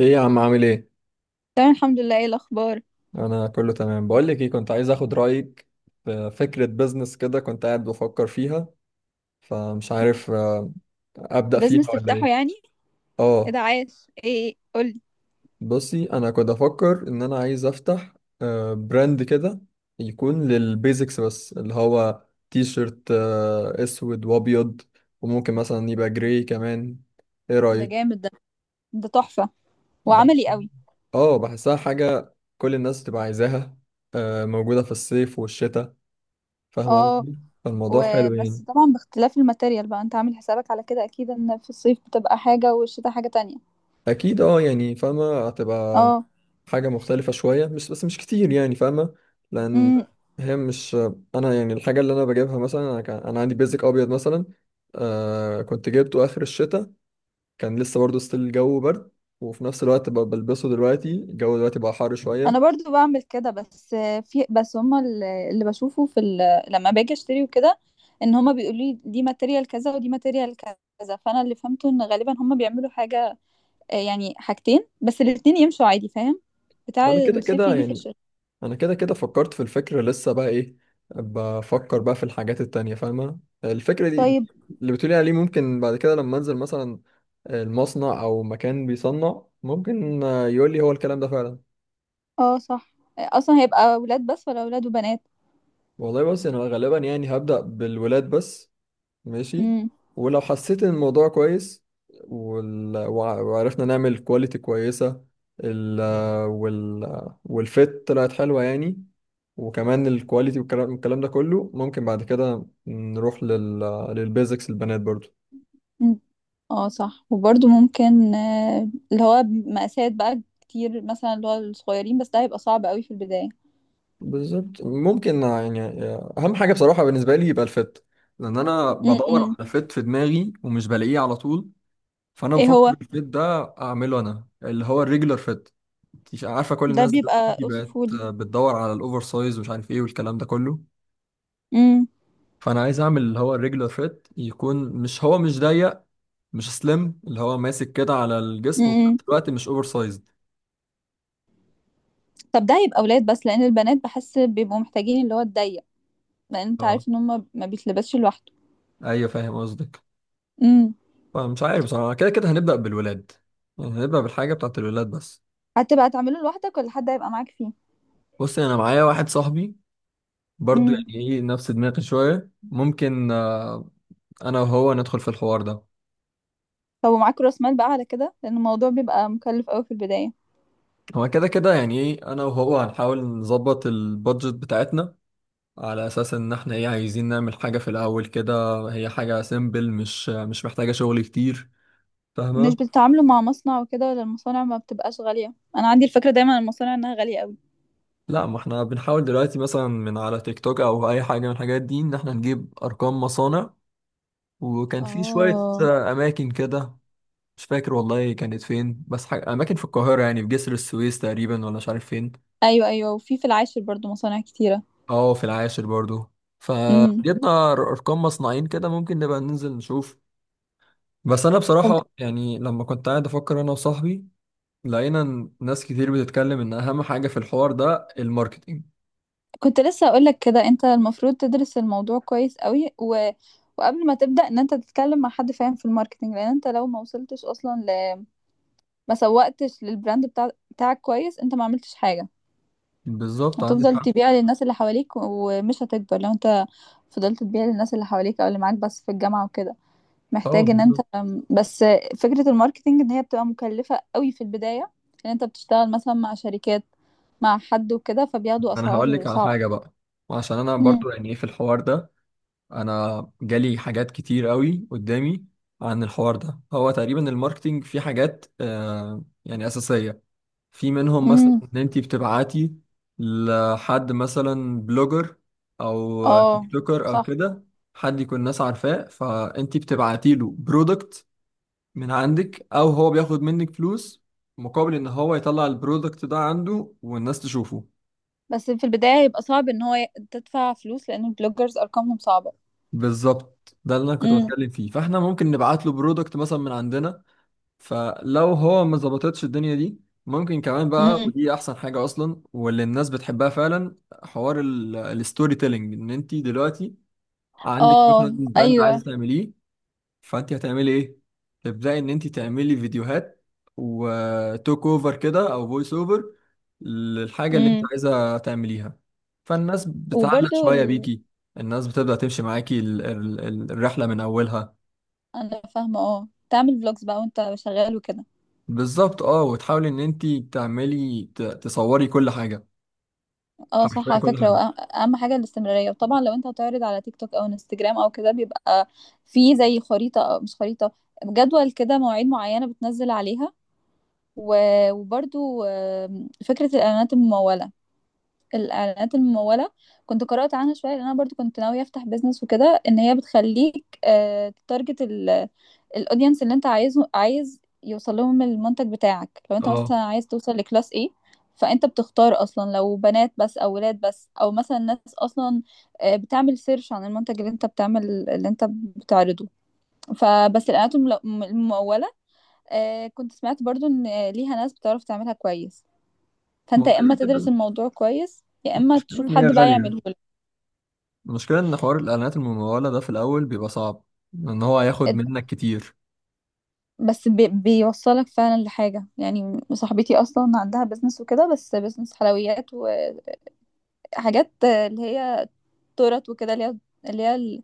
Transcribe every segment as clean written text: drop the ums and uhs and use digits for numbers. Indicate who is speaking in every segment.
Speaker 1: ايه يا عم، عامل ايه؟
Speaker 2: تمام، الحمد لله. ايه الاخبار؟
Speaker 1: انا كله تمام. بقول لك ايه، كنت عايز اخد رايك في فكره بزنس كده، كنت قاعد بفكر فيها، فمش عارف ابدا فيها
Speaker 2: بزنس
Speaker 1: ولا ايه.
Speaker 2: تفتحه يعني؟ ايه ده؟
Speaker 1: اه،
Speaker 2: عاش، ايه؟ قولي.
Speaker 1: بصي، انا كنت افكر ان انا عايز افتح براند كده يكون للبيزكس، بس اللي هو تي شيرت اسود وابيض، وممكن مثلا يبقى جراي كمان. ايه
Speaker 2: ده
Speaker 1: رايك؟
Speaker 2: جامد ده. ده تحفة
Speaker 1: بح-
Speaker 2: وعملي قوي.
Speaker 1: اه، بحسها حاجه كل الناس تبقى عايزاها، موجوده في الصيف والشتاء. فاهم
Speaker 2: اه،
Speaker 1: قصدي؟ فالموضوع حلو
Speaker 2: وبس
Speaker 1: يعني.
Speaker 2: طبعا باختلاف الماتيريال بقى. انت عامل حسابك على كده اكيد ان في الصيف بتبقى حاجة والشتاء حاجة تانية.
Speaker 1: اكيد اه، يعني فاهمه هتبقى
Speaker 2: اه.
Speaker 1: حاجه مختلفه شويه، مش بس مش كتير، يعني فاهمه. لان
Speaker 2: امم
Speaker 1: هي مش، انا يعني الحاجه اللي انا بجيبها مثلا، انا كان عندي بيزك ابيض مثلا، آه كنت جبته اخر الشتاء، كان لسه برضه ستيل الجو برد، وفي نفس الوقت بلبسه دلوقتي، الجو دلوقتي بقى حر
Speaker 2: انا
Speaker 1: شويه.
Speaker 2: برضو بعمل كده، بس هما اللي بشوفه في لما باجي اشتري وكده، ان هما بيقولوا لي دي ماتيريال كذا ودي ماتيريال كذا، فانا اللي فهمته ان غالبا هما بيعملوا حاجة يعني حاجتين بس، الاتنين يمشوا عادي، فاهم؟ بتاع
Speaker 1: وانا كده
Speaker 2: الصيف
Speaker 1: كده
Speaker 2: يجي في
Speaker 1: يعني،
Speaker 2: الشتاء.
Speaker 1: انا كده كده فكرت في الفكرة، لسه بقى ايه بفكر بقى في الحاجات التانية. فاهمة الفكرة دي
Speaker 2: طيب.
Speaker 1: اللي بتقولي عليه؟ ممكن بعد كده لما انزل مثلا المصنع او مكان بيصنع، ممكن يقول لي هو الكلام ده فعلا.
Speaker 2: اه صح، اصلا هيبقى اولاد بس ولا اولاد وبنات؟
Speaker 1: والله بس انا غالبا يعني هبدأ بالولاد بس. ماشي.
Speaker 2: امم
Speaker 1: ولو حسيت ان الموضوع كويس، وعرفنا نعمل كواليتي كويسة، ال... والفيت طلعت حلوة يعني، وكمان الكواليتي والكلام الكلام ده كله، ممكن بعد كده نروح للبيزكس البنات برضو.
Speaker 2: أمم. اه صح، وبرده ممكن، اللي هو مقاسات بقى كتير مثلا، اللي هو الصغيرين، بس ده هيبقى صعب قوي في البداية.
Speaker 1: بالظبط ممكن يعني. اهم حاجة بصراحة بالنسبة لي يبقى الفيت، لان انا بدور
Speaker 2: امم.
Speaker 1: على فيت في دماغي ومش بلاقيه على طول. فانا
Speaker 2: ايه
Speaker 1: بفكر
Speaker 2: هو
Speaker 1: الفيت ده اعمله انا، اللي هو الريجولار فيت. مش عارفه، كل
Speaker 2: ده؟
Speaker 1: الناس
Speaker 2: بيبقى
Speaker 1: دلوقتي بقت
Speaker 2: اوصفولي.
Speaker 1: بتدور على الاوفر سايز، ومش عارف ايه والكلام ده كله.
Speaker 2: امم.
Speaker 1: فانا عايز اعمل اللي هو الريجولار فيت، يكون مش، هو مش ضيق مش سليم، اللي هو ماسك كده على الجسم، وفي
Speaker 2: امم.
Speaker 1: نفس الوقت مش اوفر سايزد.
Speaker 2: طب ده هيبقى اولاد بس؟ لان البنات بحس بيبقوا محتاجين اللي هو الضيق، لان انت
Speaker 1: اه،
Speaker 2: عارف ان هم ما بيتلبسش لوحده.
Speaker 1: ايوه فاهم قصدك.
Speaker 2: امم.
Speaker 1: فمش عارف بصراحه، كده كده هنبدا بالولاد، يعني هنبدا بالحاجه بتاعت الولاد بس.
Speaker 2: هتبقى تعمله لوحدك ولا حد هيبقى معاك فيه؟
Speaker 1: بص، انا معايا واحد صاحبي برضو،
Speaker 2: امم.
Speaker 1: يعني ايه نفس دماغي شويه. ممكن انا وهو ندخل في الحوار ده.
Speaker 2: طب ومعاك راس مال بقى على كده؟ لان الموضوع بيبقى مكلف قوي في البدايه.
Speaker 1: هو كده كده يعني ايه، انا وهو هنحاول نظبط البادجت بتاعتنا، على اساس ان احنا ايه عايزين نعمل حاجة في الاول كده، هي حاجة سيمبل، مش محتاجة شغل كتير.
Speaker 2: مش
Speaker 1: فاهمة؟
Speaker 2: بتتعاملوا مع مصنع وكده؟ ولا المصانع ما بتبقاش غاليه؟ انا عندي الفكره دايما عن المصانع انها غاليه قوي.
Speaker 1: لا، ما احنا بنحاول دلوقتي مثلا من على تيك توك او اي حاجة من الحاجات دي، ان احنا نجيب ارقام مصانع. وكان في شوية
Speaker 2: اه.
Speaker 1: اماكن كده، مش فاكر والله كانت فين، بس حاجة اماكن في القاهرة، يعني في جسر السويس تقريبا ولا مش عارف فين.
Speaker 2: ايوه ايوه، وفي العاشر برضو مصانع كتيره.
Speaker 1: اه، في العاشر برضو.
Speaker 2: امم.
Speaker 1: فجبنا ارقام مصنعين كده، ممكن نبقى ننزل نشوف. بس انا
Speaker 2: طب،
Speaker 1: بصراحة يعني لما كنت قاعد افكر انا وصاحبي، لقينا إن ناس كتير بتتكلم ان اهم حاجة في الحوار ده الماركتينج.
Speaker 2: كنت لسه اقول لك كده. انت المفروض تدرس الموضوع كويس قوي و... وقبل ما تبدا، ان انت تتكلم مع حد فاهم في الماركتنج، لان انت لو ما وصلتش اصلا ما سوقتش بتاعك كويس، انت ما عملتش حاجه.
Speaker 1: بالظبط عندك
Speaker 2: هتفضل
Speaker 1: حق.
Speaker 2: تبيع للناس اللي حواليك ومش هتكبر لو انت فضلت تبيع للناس اللي حواليك او اللي معاك بس في الجامعة وكده.
Speaker 1: اه
Speaker 2: محتاج ان انت
Speaker 1: بالظبط.
Speaker 2: بس، فكرة الماركتينج ان هي بتبقى مكلفة قوي في البداية، ان انت بتشتغل مثلا مع شركات، مع حد وكده، فبياخدوا
Speaker 1: انا هقول
Speaker 2: اسعار
Speaker 1: لك على
Speaker 2: صعبة.
Speaker 1: حاجة بقى، وعشان انا
Speaker 2: امم.
Speaker 1: برضو يعني ايه في الحوار ده، انا جالي حاجات كتير قوي قدامي عن الحوار ده. هو تقريبا الماركتينج في حاجات يعني اساسية، في منهم مثلا
Speaker 2: امم.
Speaker 1: ان انت بتبعتي لحد مثلا بلوجر او
Speaker 2: اه
Speaker 1: تيك توكر او
Speaker 2: صح.
Speaker 1: كده، حد يكون الناس عارفاه، فانت بتبعتي له برودكت من عندك، او هو بياخد منك فلوس مقابل ان هو يطلع البرودكت ده عنده والناس تشوفه.
Speaker 2: بس في البداية يبقى صعب ان هو تدفع فلوس، لان البلوجرز ارقامهم صعبة.
Speaker 1: بالظبط، ده اللي انا كنت
Speaker 2: امم.
Speaker 1: بتكلم فيه. فاحنا ممكن نبعت له برودكت مثلا من عندنا. فلو هو ما ظبطتش الدنيا دي، ممكن كمان بقى،
Speaker 2: امم.
Speaker 1: ودي احسن حاجة اصلا واللي الناس بتحبها فعلا، حوار الستوري تيلينج. ان انت دلوقتي عندك
Speaker 2: اه.
Speaker 1: مثلا براند
Speaker 2: ايوه.
Speaker 1: عايزة تعمليه، فانت هتعملي ايه؟ تبداي ان انت تعملي فيديوهات وتوك اوفر كده او فويس اوفر للحاجه اللي انت
Speaker 2: امم.
Speaker 1: عايزه تعمليها، فالناس بتعلق
Speaker 2: وبرده
Speaker 1: شويه بيكي. الناس بتبدا تمشي معاكي الرحله من اولها.
Speaker 2: انا فاهمه، اه، تعمل فلوجز بقى وانت شغال وكده.
Speaker 1: بالظبط. اه، وتحاولي ان انت تعملي تصوري كل حاجه،
Speaker 2: اه
Speaker 1: حرفيا
Speaker 2: صح، على
Speaker 1: كل
Speaker 2: فكره،
Speaker 1: حاجه.
Speaker 2: وأه- اهم حاجه الاستمراريه. وطبعا لو انت هتعرض على تيك توك او انستجرام او كده، بيبقى في زي خريطه، أو مش خريطه، جدول كده، مواعيد معينه بتنزل عليها. وبرضو فكره الاعلانات المموله، الاعلانات الممولة، كنت قرأت عنها شوية لان انا برضو كنت ناوية افتح بيزنس وكده، ان هي بتخليك تارجت الاودينس اللي انت عايزه عايز يوصل لهم المنتج بتاعك. لو انت مثلا
Speaker 1: اه.
Speaker 2: عايز توصل لكلاس ايه، فانت بتختار اصلا لو بنات بس او ولاد بس، او مثلا ناس اصلا بتعمل سيرش عن المنتج اللي انت بتعمل اللي انت بتعرضه. فبس الاعلانات الممولة، كنت سمعت برضو ان ليها ناس بتعرف تعملها كويس،
Speaker 1: ما
Speaker 2: فانت
Speaker 1: هو
Speaker 2: يا
Speaker 1: كده
Speaker 2: اما تدرس
Speaker 1: كده
Speaker 2: الموضوع كويس، يا اما
Speaker 1: المشكله
Speaker 2: تشوف
Speaker 1: ان هي
Speaker 2: حد بقى
Speaker 1: غاليه،
Speaker 2: يعمله لك.
Speaker 1: المشكله ان حوار الاعلانات المموله ده في الاول بيبقى صعب، ان هو هياخد
Speaker 2: اد-
Speaker 1: منك كتير.
Speaker 2: بس بي بيوصلك فعلا لحاجة. يعني صاحبتي اصلا عندها بيزنس وكده، بس بيزنس حلويات وحاجات اللي هي تورت وكده، اللي هي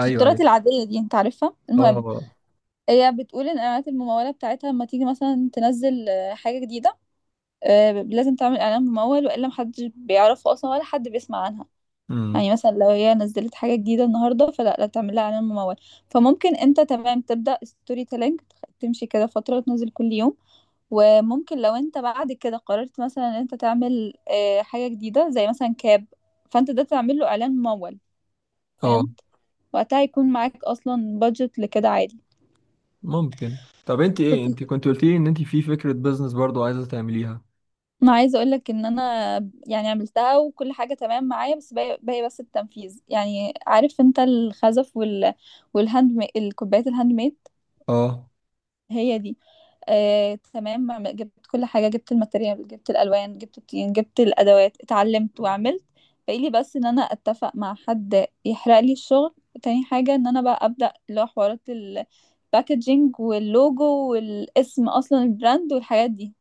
Speaker 2: مش التورت
Speaker 1: ايوه.
Speaker 2: العادية دي، انت عارفها. المهم،
Speaker 1: اه.
Speaker 2: هي بتقول ان اعلانات الممولة بتاعتها لما تيجي مثلا تنزل حاجة جديدة، لازم تعمل اعلان ممول، والا محدش بيعرفها اصلا، ولا حد بيسمع عنها.
Speaker 1: امم.
Speaker 2: يعني مثلا لو هي نزلت حاجة جديدة النهاردة، فلا، لا تعمل لها إعلان ممول. فممكن انت تمام، تبدأ ستوري تيلينج، تمشي كده فترة وتنزل كل يوم، وممكن لو انت بعد كده قررت مثلا ان انت تعمل حاجة جديدة زي مثلا كاب، فانت ده تعمل له إعلان ممول.
Speaker 1: اه.
Speaker 2: فهمت؟ وقتها هيكون معاك أصلا بادجت لكده عادي.
Speaker 1: ممكن. طب انت ايه،
Speaker 2: كنت
Speaker 1: انت كنت قلت لي ان انت في فكرة بيزنس برضو عايزة تعمليها؟
Speaker 2: انا عايزة اقولك ان انا يعني عملتها وكل حاجة تمام معايا، بس باقي بس التنفيذ. يعني عارف انت الخزف وال والهاند مي... الكوبايات الهاند ميد،
Speaker 1: اه.
Speaker 2: هي دي. تمام، جبت كل حاجة، جبت الماتيريال، جبت الألوان، جبت الطين، جبت الأدوات، اتعلمت وعملت. باقي لي بس إن أنا أتفق مع حد يحرق لي الشغل. تاني حاجة إن أنا بقى أبدأ اللي هو حوارات الباكجينج واللوجو والاسم أصلا البراند والحاجات دي.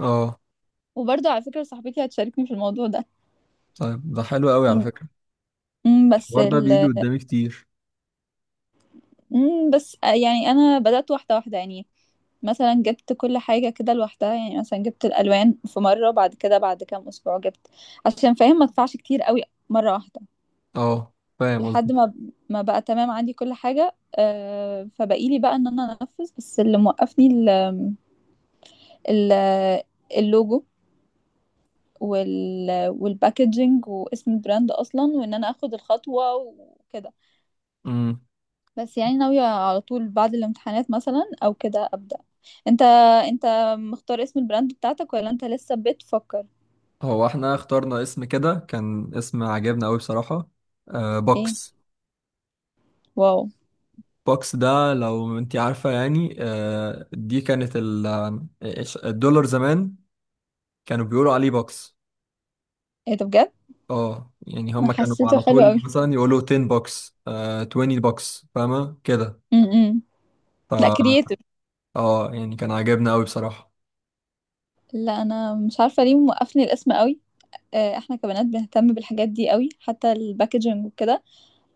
Speaker 1: اه،
Speaker 2: وبرضه على فكرة صاحبتي هتشاركني في الموضوع ده.
Speaker 1: طيب ده حلو قوي على
Speaker 2: م-
Speaker 1: فكرة.
Speaker 2: م، بس
Speaker 1: الحوار ده
Speaker 2: ال
Speaker 1: بيجي قدامي كتير.
Speaker 2: امم، بس يعني انا بدأت واحدة واحدة يعني. مثلا جبت كل حاجة كده لوحدها، يعني مثلا جبت الألوان في مرة، بعد كده بعد كام أسبوع جبت، عشان فاهم ما ادفعش كتير قوي مرة واحدة،
Speaker 1: اه، فاهم
Speaker 2: لحد
Speaker 1: قصدي.
Speaker 2: ما ما بقى تمام عندي كل حاجة. فبقيلي بقى ان انا انفذ بس. اللي موقفني ال ال اللوجو وال والباكجينج واسم البراند اصلا، وان انا اخد الخطوة وكده.
Speaker 1: امم.
Speaker 2: بس يعني ناوية على طول بعد الامتحانات مثلا او كده ابدأ. انت انت مختار اسم البراند بتاعتك ولا انت لسه بتفكر؟
Speaker 1: هو احنا اخترنا اسم كده، كان اسم عجبنا قوي بصراحة، آه
Speaker 2: ايه؟
Speaker 1: بوكس.
Speaker 2: واو!
Speaker 1: بوكس ده لو انت عارفة، يعني آه، دي كانت الدولار زمان، كانوا بيقولوا عليه بوكس.
Speaker 2: ايه ده بجد؟
Speaker 1: اه، يعني
Speaker 2: انا
Speaker 1: هم كانوا
Speaker 2: حسيته
Speaker 1: على
Speaker 2: حلو
Speaker 1: طول
Speaker 2: قوي.
Speaker 1: مثلا يقولوا 10 بوكس، 20 بوكس، فاهمة كده؟
Speaker 2: امم.
Speaker 1: ف
Speaker 2: لا، كرييتيف.
Speaker 1: اه، يعني كان عاجبنا قوي بصراحة.
Speaker 2: لا انا مش عارفة ليه موقفني الاسم قوي. احنا كبنات بنهتم بالحاجات دي قوي، حتى الباكجينج وكده.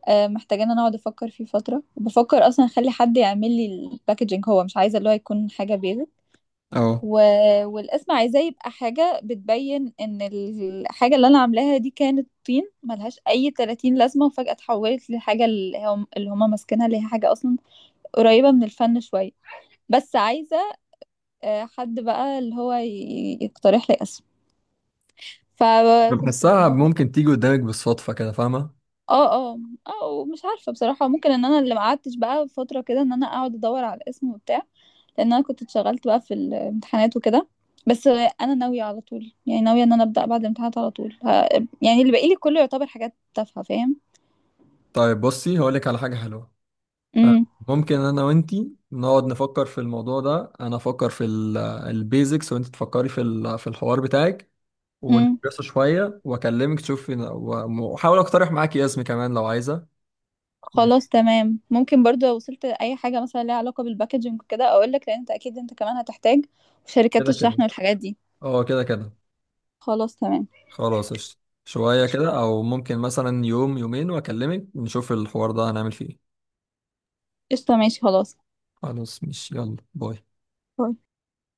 Speaker 2: محتاجين انا اقعد افكر فيه فترة. وبفكر اصلا اخلي حد يعمل لي الباكجينج، هو مش عايزة اللي هو يكون حاجة بيزك
Speaker 1: اه،
Speaker 2: و... والاسم عايزاه يبقى حاجة بتبين ان الحاجة اللي انا عاملاها دي كانت طين ملهاش اي 30 لازمة، وفجأة اتحولت لحاجة اللي هم اللي هما ماسكينها، اللي هي حاجة اصلا قريبة من الفن شوية. بس عايزة حد بقى اللي هو يقترح لي اسم. فكنت
Speaker 1: بحسها
Speaker 2: بف...
Speaker 1: ممكن تيجي قدامك بالصدفة كده، فاهمة؟
Speaker 2: اه، اه، اه، مش عارفة بصراحة. ممكن ان انا اللي ما قعدتش بقى فترة كده ان انا اقعد ادور على الاسم وبتاع، لان انا كنت اتشغلت بقى في الامتحانات وكده. بس انا ناويه على طول يعني ناويه ان انا ابدا بعد الامتحانات على طول يعني اللي باقي لي كله يعتبر حاجات تافهه، فاهم؟
Speaker 1: طيب بصي، هقولك على حاجة حلوة آه،
Speaker 2: امم.
Speaker 1: ممكن أنا وأنتي نقعد نفكر في الموضوع ده. أنا أفكر في البيزكس، وأنت تفكري في الحوار بتاعك،
Speaker 2: امم.
Speaker 1: وندرسه شوية وأكلمك تشوفي، وأحاول أقترح معاكي اسمي كمان لو عايزة.
Speaker 2: خلاص،
Speaker 1: ماشي.
Speaker 2: تمام. ممكن برضو لو وصلت اي حاجه مثلا ليها علاقه بالباكجينج وكده اقول لك، لان انت اكيد انت كمان هتحتاج وشركات
Speaker 1: كده كده،
Speaker 2: الشحن والحاجات دي.
Speaker 1: أه كده كده.
Speaker 2: خلاص، تمام.
Speaker 1: خلاص قشطة. شوية كده أو ممكن مثلا يوم يومين، وأكلمك نشوف الحوار ده هنعمل فيه إيه.
Speaker 2: قشطه، ماشي، خلاص.
Speaker 1: خلاص مش يلا باي.